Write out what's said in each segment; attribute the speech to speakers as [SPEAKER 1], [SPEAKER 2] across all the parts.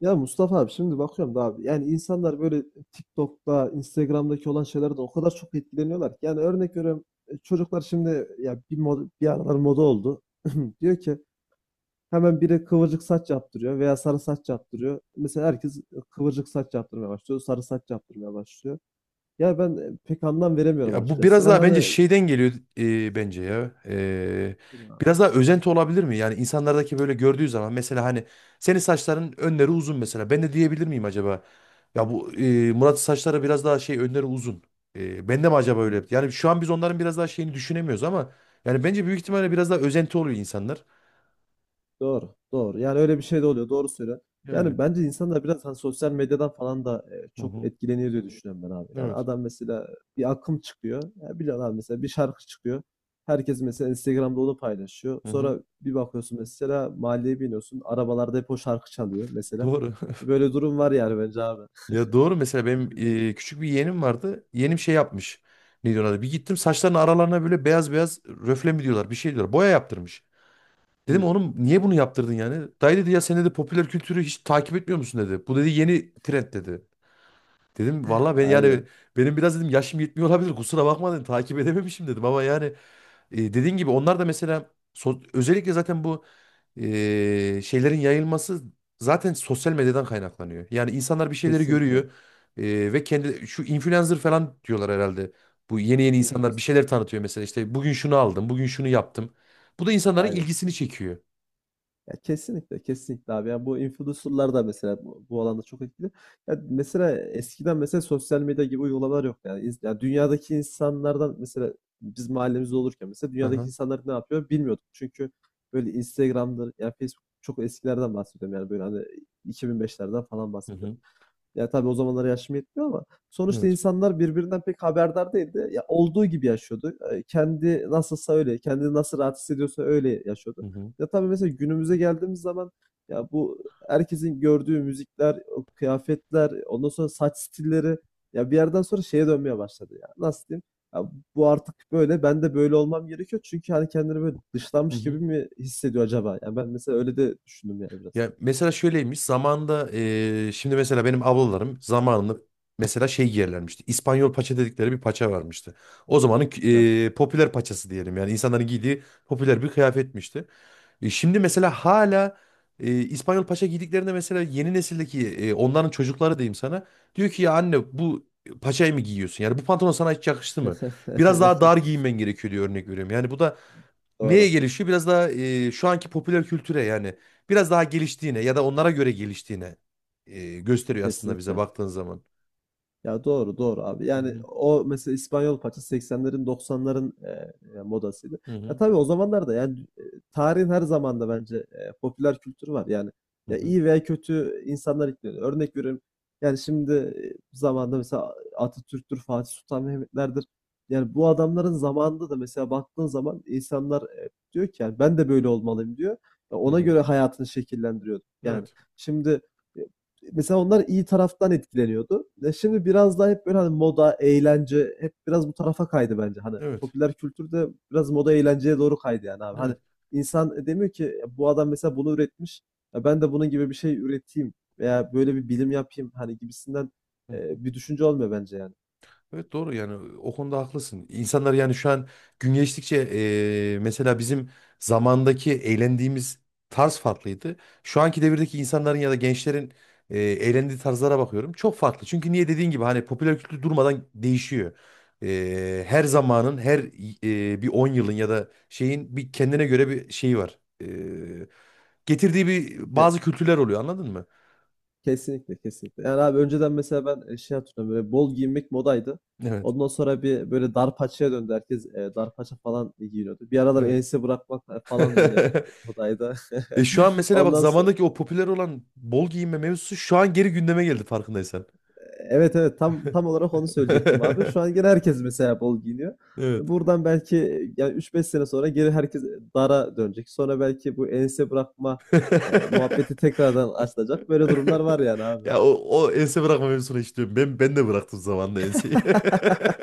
[SPEAKER 1] Ya Mustafa abi şimdi bakıyorum da abi yani insanlar böyle TikTok'ta, Instagram'daki olan şeylerden o kadar çok etkileniyorlar ki. Yani örnek veriyorum çocuklar şimdi ya bir aralar moda oldu. Diyor ki hemen biri kıvırcık saç yaptırıyor veya sarı saç yaptırıyor. Mesela herkes kıvırcık saç yaptırmaya başlıyor, sarı saç yaptırmaya başlıyor. Ya ben pek anlam veremiyorum
[SPEAKER 2] Ya bu
[SPEAKER 1] açıkçası.
[SPEAKER 2] biraz
[SPEAKER 1] Yani
[SPEAKER 2] daha bence
[SPEAKER 1] hani
[SPEAKER 2] şeyden geliyor, bence ya.
[SPEAKER 1] bilmiyorum, abi.
[SPEAKER 2] Biraz daha özenti olabilir mi? Yani insanlardaki böyle gördüğü zaman mesela hani senin saçların önleri uzun mesela. Ben de diyebilir miyim acaba? Ya bu Murat'ın saçları biraz daha şey önleri uzun. Ben de mi acaba öyle?
[SPEAKER 1] Hmm.
[SPEAKER 2] Yani şu an biz onların biraz daha şeyini düşünemiyoruz ama yani bence büyük ihtimalle biraz daha özenti oluyor insanlar.
[SPEAKER 1] Doğru, doğru. Yani öyle bir şey de oluyor. Doğru söylüyorsun.
[SPEAKER 2] Yani.
[SPEAKER 1] Yani bence insanlar biraz hani sosyal medyadan falan da
[SPEAKER 2] Hı
[SPEAKER 1] çok
[SPEAKER 2] hı.
[SPEAKER 1] etkileniyor diye düşünüyorum ben abi. Yani
[SPEAKER 2] Evet.
[SPEAKER 1] adam mesela bir akım çıkıyor. Ya biliyorsun abi mesela bir şarkı çıkıyor. Herkes mesela Instagram'da onu paylaşıyor.
[SPEAKER 2] Hı hı.
[SPEAKER 1] Sonra bir bakıyorsun mesela mahalleye biniyorsun. Arabalarda hep o şarkı çalıyor mesela.
[SPEAKER 2] Doğru.
[SPEAKER 1] Böyle durum var yani bence abi.
[SPEAKER 2] Ya doğru mesela benim
[SPEAKER 1] Öyle bir-
[SPEAKER 2] küçük bir yeğenim vardı. Yeğenim şey yapmış. Ne diyorlar? Adı? Bir gittim saçlarının aralarına böyle beyaz beyaz röfle mi diyorlar bir şey diyorlar. Boya yaptırmış. Dedim
[SPEAKER 1] Hı,
[SPEAKER 2] oğlum niye bunu yaptırdın yani? Dayı dedi ya sen dedi popüler kültürü hiç takip etmiyor musun dedi. Bu dedi yeni trend dedi. Dedim valla ben yani
[SPEAKER 1] aynen.
[SPEAKER 2] benim biraz dedim yaşım yetmiyor olabilir kusura bakma dedim takip edememişim dedim ama yani dediğin gibi onlar da mesela özellikle zaten bu şeylerin yayılması zaten sosyal medyadan kaynaklanıyor. Yani insanlar bir şeyleri görüyor
[SPEAKER 1] Kesinlikle.
[SPEAKER 2] ve kendi şu influencer falan diyorlar herhalde. Bu yeni yeni insanlar bir
[SPEAKER 1] Influencer.
[SPEAKER 2] şeyler tanıtıyor mesela işte bugün şunu aldım, bugün şunu yaptım. Bu da insanların
[SPEAKER 1] Aynen.
[SPEAKER 2] ilgisini çekiyor.
[SPEAKER 1] Ya, kesinlikle kesinlikle abi. Ya bu influencer'lar da mesela bu alanda çok etkili. Ya mesela eskiden mesela sosyal medya gibi uygulamalar yok yani. Ya dünyadaki insanlardan mesela biz mahallemizde olurken mesela dünyadaki
[SPEAKER 2] Aha.
[SPEAKER 1] insanlar ne yapıyor bilmiyorduk. Çünkü böyle Instagram'dır ya Facebook, çok eskilerden bahsediyorum yani, böyle hani 2005'lerden falan
[SPEAKER 2] Hı
[SPEAKER 1] bahsediyorum.
[SPEAKER 2] hı.
[SPEAKER 1] Ya tabii o zamanlar yaşım yetmiyor ama sonuçta
[SPEAKER 2] Evet.
[SPEAKER 1] insanlar birbirinden pek haberdar değildi. Ya olduğu gibi yaşıyordu. Kendi nasılsa öyle, kendini nasıl rahat hissediyorsa öyle yaşıyordu.
[SPEAKER 2] Hı hı.
[SPEAKER 1] Ya tabii mesela günümüze geldiğimiz zaman ya bu herkesin gördüğü müzikler, o kıyafetler, ondan sonra saç stilleri, ya bir yerden sonra şeye dönmeye başladı ya. Nasıl diyeyim? Ya bu artık böyle, ben de böyle olmam gerekiyor. Çünkü hani kendini böyle
[SPEAKER 2] Hı
[SPEAKER 1] dışlanmış
[SPEAKER 2] hı.
[SPEAKER 1] gibi mi hissediyor acaba? Ya ben mesela öyle de düşündüm yani biraz.
[SPEAKER 2] Ya mesela şöyleymiş zamanda şimdi mesela benim ablalarım zamanında mesela şey giyerlermişti. İspanyol paça dedikleri bir paça varmıştı. O
[SPEAKER 1] Hı hı.
[SPEAKER 2] zamanın
[SPEAKER 1] Evet.
[SPEAKER 2] popüler paçası diyelim yani insanların giydiği popüler bir kıyafetmişti. Şimdi mesela hala İspanyol paça giydiklerinde mesela yeni nesildeki onların çocukları diyeyim sana diyor ki ya anne bu paçayı mı giyiyorsun? Yani bu pantolon sana hiç yakıştı mı? Biraz daha dar giyinmen gerekiyor diyor örnek veriyorum. Yani bu da neye
[SPEAKER 1] Doğru.
[SPEAKER 2] gelişiyor? Biraz daha şu anki popüler kültüre yani biraz daha geliştiğine ya da onlara göre geliştiğine gösteriyor aslında bize
[SPEAKER 1] Kesinlikle.
[SPEAKER 2] baktığın zaman.
[SPEAKER 1] Ya, doğru doğru abi.
[SPEAKER 2] Hı
[SPEAKER 1] Yani
[SPEAKER 2] hı,
[SPEAKER 1] o mesela İspanyol paça 80'lerin 90'ların modasıydı.
[SPEAKER 2] hı
[SPEAKER 1] Ya
[SPEAKER 2] hı,
[SPEAKER 1] tabii o zamanlarda yani, tarihin her zamanda bence popüler kültürü var. Yani
[SPEAKER 2] hı
[SPEAKER 1] ya
[SPEAKER 2] hı,
[SPEAKER 1] iyi veya kötü insanlar ekleniyor. Örnek veriyorum. Yani şimdi zamanda mesela Atatürk'tür, Fatih Sultan Mehmet'lerdir. Yani bu adamların zamanında da mesela baktığın zaman insanlar diyor ki yani ben de böyle olmalıyım diyor. Ya
[SPEAKER 2] hı
[SPEAKER 1] ona
[SPEAKER 2] hı.
[SPEAKER 1] göre hayatını şekillendiriyor. Yani
[SPEAKER 2] Evet,
[SPEAKER 1] şimdi e, mesela onlar iyi taraftan etkileniyordu. E şimdi biraz daha hep böyle hani moda, eğlence hep biraz bu tarafa kaydı bence. Hani
[SPEAKER 2] evet,
[SPEAKER 1] popüler kültür de biraz moda eğlenceye doğru kaydı yani abi. Hani
[SPEAKER 2] evet.
[SPEAKER 1] insan demiyor ki "Ya bu adam mesela bunu üretmiş. Ya ben de bunun gibi bir şey üreteyim veya böyle bir bilim yapayım hani gibisinden
[SPEAKER 2] Hı.
[SPEAKER 1] bir düşünce olmuyor bence yani."
[SPEAKER 2] Evet doğru yani o konuda haklısın. İnsanlar yani şu an gün geçtikçe mesela bizim zamandaki eğlendiğimiz tarz farklıydı. Şu anki devirdeki insanların ya da gençlerin eğlendiği tarzlara bakıyorum. Çok farklı. Çünkü niye dediğin gibi hani popüler kültür durmadan değişiyor. Her zamanın her bir 10 yılın ya da şeyin bir kendine göre bir şeyi var. Getirdiği bir bazı
[SPEAKER 1] E,
[SPEAKER 2] kültürler oluyor anladın mı?
[SPEAKER 1] Kesinlikle kesinlikle. Yani abi önceden mesela ben şey hatırlıyorum, böyle bol giyinmek modaydı.
[SPEAKER 2] Evet.
[SPEAKER 1] Ondan sonra bir böyle dar paçaya döndü. Herkes dar paça falan giyiniyordu. Bir aralar
[SPEAKER 2] Evet.
[SPEAKER 1] ense bırakmak falan böyle modaydı.
[SPEAKER 2] E şu an mesela bak
[SPEAKER 1] Ondan sonra
[SPEAKER 2] zamandaki o popüler olan bol giyinme mevzusu şu an geri gündeme geldi farkındaysan.
[SPEAKER 1] evet evet, tam olarak onu söyleyecektim abi. Şu an gene herkes mesela bol giyiniyor.
[SPEAKER 2] Evet.
[SPEAKER 1] Buradan belki yani üç beş sene sonra geri herkes dara dönecek. Sonra belki bu ense bırakma muhabbeti tekrardan açılacak. Böyle durumlar var yani abi.
[SPEAKER 2] Ya o, o ense bırakma mevzusunu hiç diyorum. Ben de bıraktım zamanında enseyi.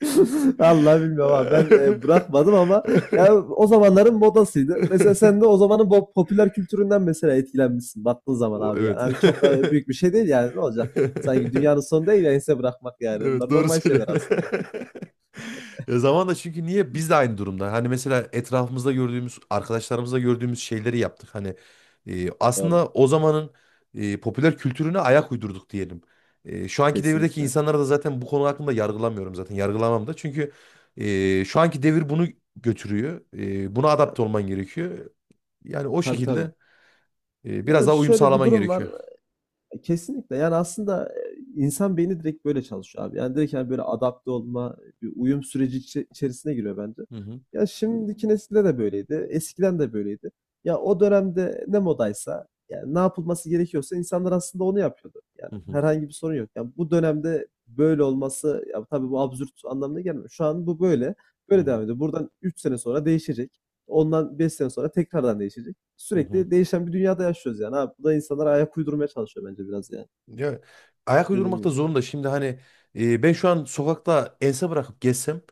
[SPEAKER 1] Allah bilmiyorum abi. Ben bırakmadım ama ya o zamanların modasıydı. Mesela sen de o zamanın popüler kültüründen mesela etkilenmişsin baktığın zaman
[SPEAKER 2] O,
[SPEAKER 1] abi yani.
[SPEAKER 2] evet.
[SPEAKER 1] Hani çok da büyük bir şey değil yani, ne olacak? Sanki dünyanın sonu değil ya ense bırakmak yani.
[SPEAKER 2] Evet
[SPEAKER 1] Bunlar
[SPEAKER 2] doğru
[SPEAKER 1] normal şeyler
[SPEAKER 2] söylüyorsun.
[SPEAKER 1] aslında.
[SPEAKER 2] Ya zamanla çünkü niye biz de aynı durumda. Hani mesela etrafımızda gördüğümüz, arkadaşlarımızda gördüğümüz şeyleri yaptık. Hani
[SPEAKER 1] Doğru.
[SPEAKER 2] aslında o zamanın popüler kültürüne ayak uydurduk diyelim. Şu anki devirdeki
[SPEAKER 1] Kesinlikle.
[SPEAKER 2] insanlara da zaten bu konu hakkında yargılamıyorum zaten. Yargılamam da. Çünkü şu anki devir bunu götürüyor. Buna
[SPEAKER 1] Ya
[SPEAKER 2] adapte olman gerekiyor. Yani o
[SPEAKER 1] tabii tabii.
[SPEAKER 2] şekilde biraz
[SPEAKER 1] Ya
[SPEAKER 2] daha uyum
[SPEAKER 1] şöyle bir
[SPEAKER 2] sağlaman
[SPEAKER 1] durum var.
[SPEAKER 2] gerekiyor.
[SPEAKER 1] E, kesinlikle. Yani aslında insan beyni direkt böyle çalışıyor abi. Yani direkt, hani, böyle adapte olma, bir uyum süreci içerisine giriyor bence.
[SPEAKER 2] Hı hı.
[SPEAKER 1] Ya şimdiki nesilde de böyleydi, eskiden de böyleydi. Ya o dönemde ne modaysa, yani ne yapılması gerekiyorsa insanlar aslında onu yapıyordu. Yani
[SPEAKER 2] Hı hı.
[SPEAKER 1] herhangi bir sorun yok. Yani bu dönemde böyle olması, ya tabii bu absürt anlamına gelmiyor. Şu an bu böyle,
[SPEAKER 2] Hı
[SPEAKER 1] böyle devam
[SPEAKER 2] hı.
[SPEAKER 1] ediyor. Buradan 3 sene sonra değişecek. Ondan 5 sene sonra tekrardan değişecek,
[SPEAKER 2] Hı hı.
[SPEAKER 1] sürekli değişen bir dünyada yaşıyoruz yani abi. Bu da insanlara ayak uydurmaya çalışıyor bence biraz yani.
[SPEAKER 2] Ya, ayak
[SPEAKER 1] Dediğim
[SPEAKER 2] uydurmakta
[SPEAKER 1] gibi.
[SPEAKER 2] zorunda. Şimdi hani ben şu an sokakta ense bırakıp gezsem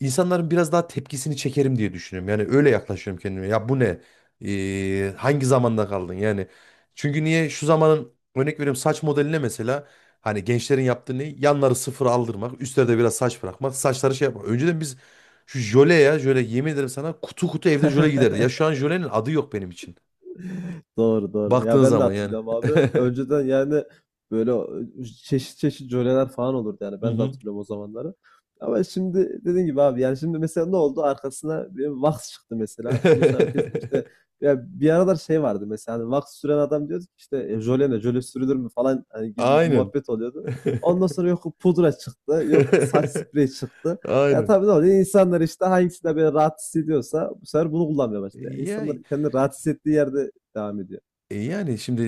[SPEAKER 2] insanların biraz daha tepkisini çekerim diye düşünüyorum. Yani öyle yaklaşıyorum kendime. Ya bu ne? Hangi zamanda kaldın? Yani çünkü niye şu zamanın örnek veriyorum saç modeline mesela hani gençlerin yaptığı ne? Yanları sıfır aldırmak, üstlerde biraz saç bırakmak, saçları şey yapmak. Önceden biz şu jöle ya jöle yemin ederim sana kutu kutu evde jöle giderdi. Ya şu an jölenin adı yok benim için.
[SPEAKER 1] Doğru doğru. Ya
[SPEAKER 2] Baktığın
[SPEAKER 1] ben de
[SPEAKER 2] zaman yani.
[SPEAKER 1] hatırlıyorum abi. Önceden yani böyle çeşit çeşit jöleler falan olurdu yani.
[SPEAKER 2] Hı
[SPEAKER 1] Ben de
[SPEAKER 2] hı.
[SPEAKER 1] hatırlıyorum o zamanları. Ama şimdi dediğin gibi abi, yani şimdi mesela ne oldu? Arkasına bir Vax çıktı mesela. Ondan sonra herkes işte, ya bir aralar şey vardı, mesela hani Vax süren adam diyordu ki işte jöle ne? Jöle sürülür mü falan, hani gibi bir
[SPEAKER 2] Aynen.
[SPEAKER 1] muhabbet oluyordu. Ondan sonra yok pudra çıktı. Yok saç spreyi çıktı. Ya
[SPEAKER 2] Aynen.
[SPEAKER 1] tabii ne oluyor? İnsanlar işte hangisinde böyle rahat hissediyorsa bu sefer bunu kullanmaya başlıyor.
[SPEAKER 2] Ya,
[SPEAKER 1] İnsanlar kendini rahat hissettiği yerde devam ediyor.
[SPEAKER 2] yani şimdi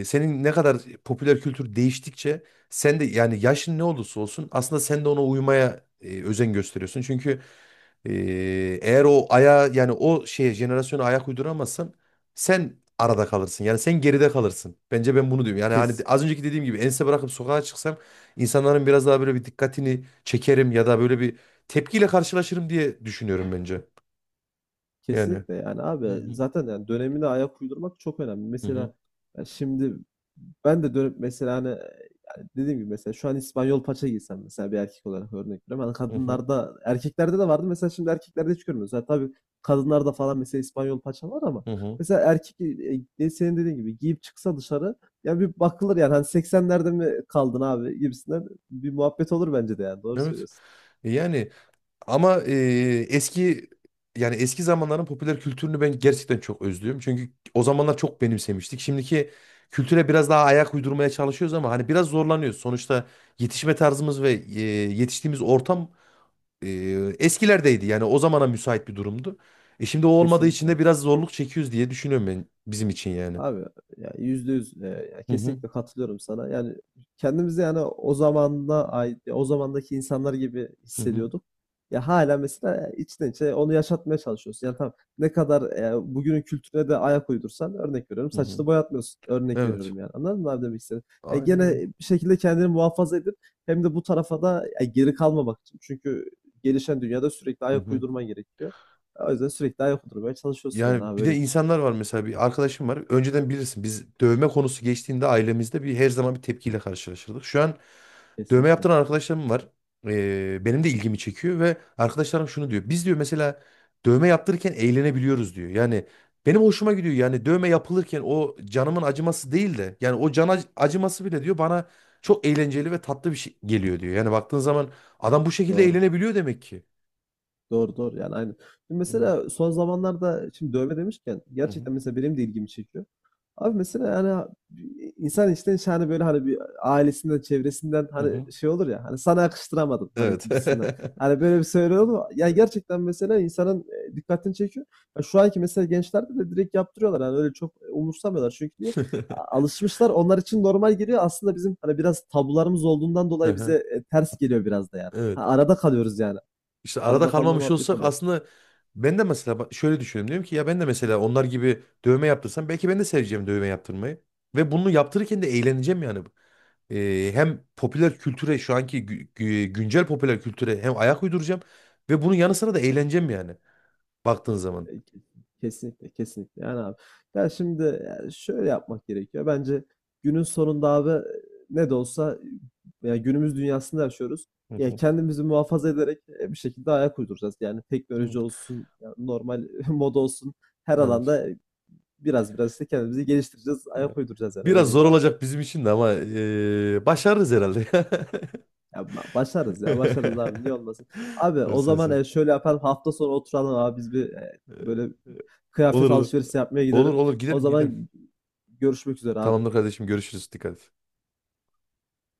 [SPEAKER 2] senin ne kadar popüler kültür değiştikçe sen de yani yaşın ne olursa olsun aslında sen de ona uymaya özen gösteriyorsun. Çünkü e, eğer o aya yani o şeye jenerasyona ayak uyduramazsan sen arada kalırsın. Yani sen geride kalırsın. Bence ben bunu diyorum. Yani hani
[SPEAKER 1] Kes,
[SPEAKER 2] az önceki dediğim gibi ense bırakıp sokağa çıksam insanların biraz daha böyle bir dikkatini çekerim ya da böyle bir tepkiyle karşılaşırım diye düşünüyorum bence. Yani.
[SPEAKER 1] Kesinlikle yani
[SPEAKER 2] Hı
[SPEAKER 1] abi,
[SPEAKER 2] hı.
[SPEAKER 1] zaten yani dönemine ayak uydurmak çok önemli.
[SPEAKER 2] Hı hı.
[SPEAKER 1] Mesela ya şimdi ben de dönüp mesela hani, yani dediğim gibi mesela şu an İspanyol paça giysem mesela, bir erkek olarak örnek veriyorum. Hani
[SPEAKER 2] Hı hı.
[SPEAKER 1] kadınlarda erkeklerde de vardı, mesela şimdi erkeklerde hiç görmüyoruz. Yani tabii kadınlarda falan mesela İspanyol paça var ama
[SPEAKER 2] Hı hı.
[SPEAKER 1] mesela erkek senin dediğin gibi giyip çıksa dışarı, ya bir bakılır yani, hani 80'lerde mi kaldın abi gibisinden bir muhabbet olur bence de, yani doğru
[SPEAKER 2] Evet.
[SPEAKER 1] söylüyorsun.
[SPEAKER 2] Yani ama eski yani eski zamanların popüler kültürünü ben gerçekten çok özlüyorum. Çünkü o zamanlar çok benimsemiştik. Şimdiki kültüre biraz daha ayak uydurmaya çalışıyoruz ama hani biraz zorlanıyoruz. Sonuçta yetişme tarzımız ve yetiştiğimiz ortam e, eskilerdeydi. Yani o zamana müsait bir durumdu. E şimdi o olmadığı için de
[SPEAKER 1] Kesinlikle.
[SPEAKER 2] biraz zorluk çekiyoruz diye düşünüyorum ben bizim için yani.
[SPEAKER 1] Abi ya yüzde yüz, ya
[SPEAKER 2] Hı hı.
[SPEAKER 1] kesinlikle katılıyorum sana. Yani kendimizi yani o zamanda ait, o zamandaki insanlar gibi
[SPEAKER 2] Hı hı.
[SPEAKER 1] hissediyorduk. Ya hala mesela içten içe onu yaşatmaya çalışıyorsun. Yani tamam, ne kadar bugünün kültürüne de ayak uydursan örnek veriyorum,
[SPEAKER 2] Hı hı.
[SPEAKER 1] saçını boyatmıyorsun. Örnek
[SPEAKER 2] Evet.
[SPEAKER 1] veriyorum yani. Anladın mı abi, demek istedim? Ya
[SPEAKER 2] Aynen
[SPEAKER 1] gene
[SPEAKER 2] öyle.
[SPEAKER 1] bir şekilde kendini muhafaza edip hem de bu tarafa da, ya geri kalmamak için. Çünkü gelişen dünyada sürekli
[SPEAKER 2] Hı
[SPEAKER 1] ayak
[SPEAKER 2] hı.
[SPEAKER 1] uydurman gerekiyor. O yüzden sürekli ayak uydurmaya çalışıyorsun yani
[SPEAKER 2] Yani
[SPEAKER 1] abi,
[SPEAKER 2] bir de
[SPEAKER 1] öyle değil.
[SPEAKER 2] insanlar var mesela bir arkadaşım var. Önceden bilirsin biz dövme konusu geçtiğinde ailemizde bir her zaman bir tepkiyle karşılaşırdık. Şu an dövme
[SPEAKER 1] Kesinlikle.
[SPEAKER 2] yaptıran arkadaşlarım var. Benim de ilgimi çekiyor ve arkadaşlarım şunu diyor. Biz diyor mesela dövme yaptırırken eğlenebiliyoruz diyor. Yani benim hoşuma gidiyor. Yani dövme yapılırken o canımın acıması değil de yani o can acıması bile diyor bana çok eğlenceli ve tatlı bir şey geliyor diyor. Yani baktığın zaman adam bu şekilde
[SPEAKER 1] Doğru.
[SPEAKER 2] eğlenebiliyor demek ki.
[SPEAKER 1] Doğru doğru yani, aynen. Şimdi
[SPEAKER 2] Hı
[SPEAKER 1] mesela son zamanlarda, şimdi dövme demişken,
[SPEAKER 2] hı.
[SPEAKER 1] gerçekten mesela benim de ilgimi çekiyor. Abi mesela yani insan içten içe hani, böyle hani bir ailesinden çevresinden,
[SPEAKER 2] Hı
[SPEAKER 1] hani
[SPEAKER 2] hı.
[SPEAKER 1] şey olur ya, hani sana yakıştıramadım hani
[SPEAKER 2] Evet.
[SPEAKER 1] gibisinden. Hani böyle bir söyle olur mu? Ya gerçekten mesela insanın dikkatini çekiyor. Ya şu anki mesela gençlerde de direkt yaptırıyorlar, hani öyle çok umursamıyorlar, çünkü niye? Alışmışlar, onlar için normal geliyor aslında, bizim hani biraz tabularımız olduğundan dolayı bize
[SPEAKER 2] Aha,
[SPEAKER 1] ters geliyor biraz da yani.
[SPEAKER 2] evet.
[SPEAKER 1] Ha, arada kalıyoruz yani.
[SPEAKER 2] İşte arada
[SPEAKER 1] Arada kalma
[SPEAKER 2] kalmamış
[SPEAKER 1] muhabbeti
[SPEAKER 2] olsak
[SPEAKER 1] oluyor.
[SPEAKER 2] aslında ben de mesela bak şöyle düşünüyorum. Diyorum ki ya ben de mesela onlar gibi dövme yaptırsam belki ben de seveceğim dövme yaptırmayı. Ve bunu yaptırırken de eğleneceğim yani. Hem popüler kültüre şu anki güncel popüler kültüre hem ayak uyduracağım ve bunun yanı sıra da eğleneceğim yani baktığın zaman.
[SPEAKER 1] E, kes- Kesinlikle, kesinlikle. Yani abi. Ya şimdi, ya şöyle yapmak gerekiyor. Bence günün sonunda abi, ne de olsa ya günümüz dünyasında yaşıyoruz.
[SPEAKER 2] Hı
[SPEAKER 1] Ya
[SPEAKER 2] hı.
[SPEAKER 1] kendimizi muhafaza ederek bir şekilde ayak uyduracağız. Yani
[SPEAKER 2] Hı.
[SPEAKER 1] teknoloji olsun, ya normal moda olsun, her
[SPEAKER 2] Evet.
[SPEAKER 1] alanda biraz biraz işte kendimizi geliştireceğiz,
[SPEAKER 2] Evet.
[SPEAKER 1] ayak uyduracağız yani, öyle
[SPEAKER 2] Biraz
[SPEAKER 1] diyeyim
[SPEAKER 2] zor
[SPEAKER 1] abi.
[SPEAKER 2] olacak bizim için de ama başarırız herhalde.
[SPEAKER 1] Ya başarız ya. Başarız abi. Niye olmasın? Abi
[SPEAKER 2] Doğru
[SPEAKER 1] o zaman
[SPEAKER 2] söylüyorsun.
[SPEAKER 1] şöyle yapalım. Hafta sonu oturalım abi. Biz bir
[SPEAKER 2] Ee,
[SPEAKER 1] böyle
[SPEAKER 2] e, Olur
[SPEAKER 1] kıyafet
[SPEAKER 2] olur.
[SPEAKER 1] alışverişi yapmaya
[SPEAKER 2] Olur
[SPEAKER 1] gidelim.
[SPEAKER 2] olur
[SPEAKER 1] O
[SPEAKER 2] gidelim gidelim.
[SPEAKER 1] zaman görüşmek üzere
[SPEAKER 2] Tamamdır
[SPEAKER 1] abi.
[SPEAKER 2] kardeşim görüşürüz. Dikkat et.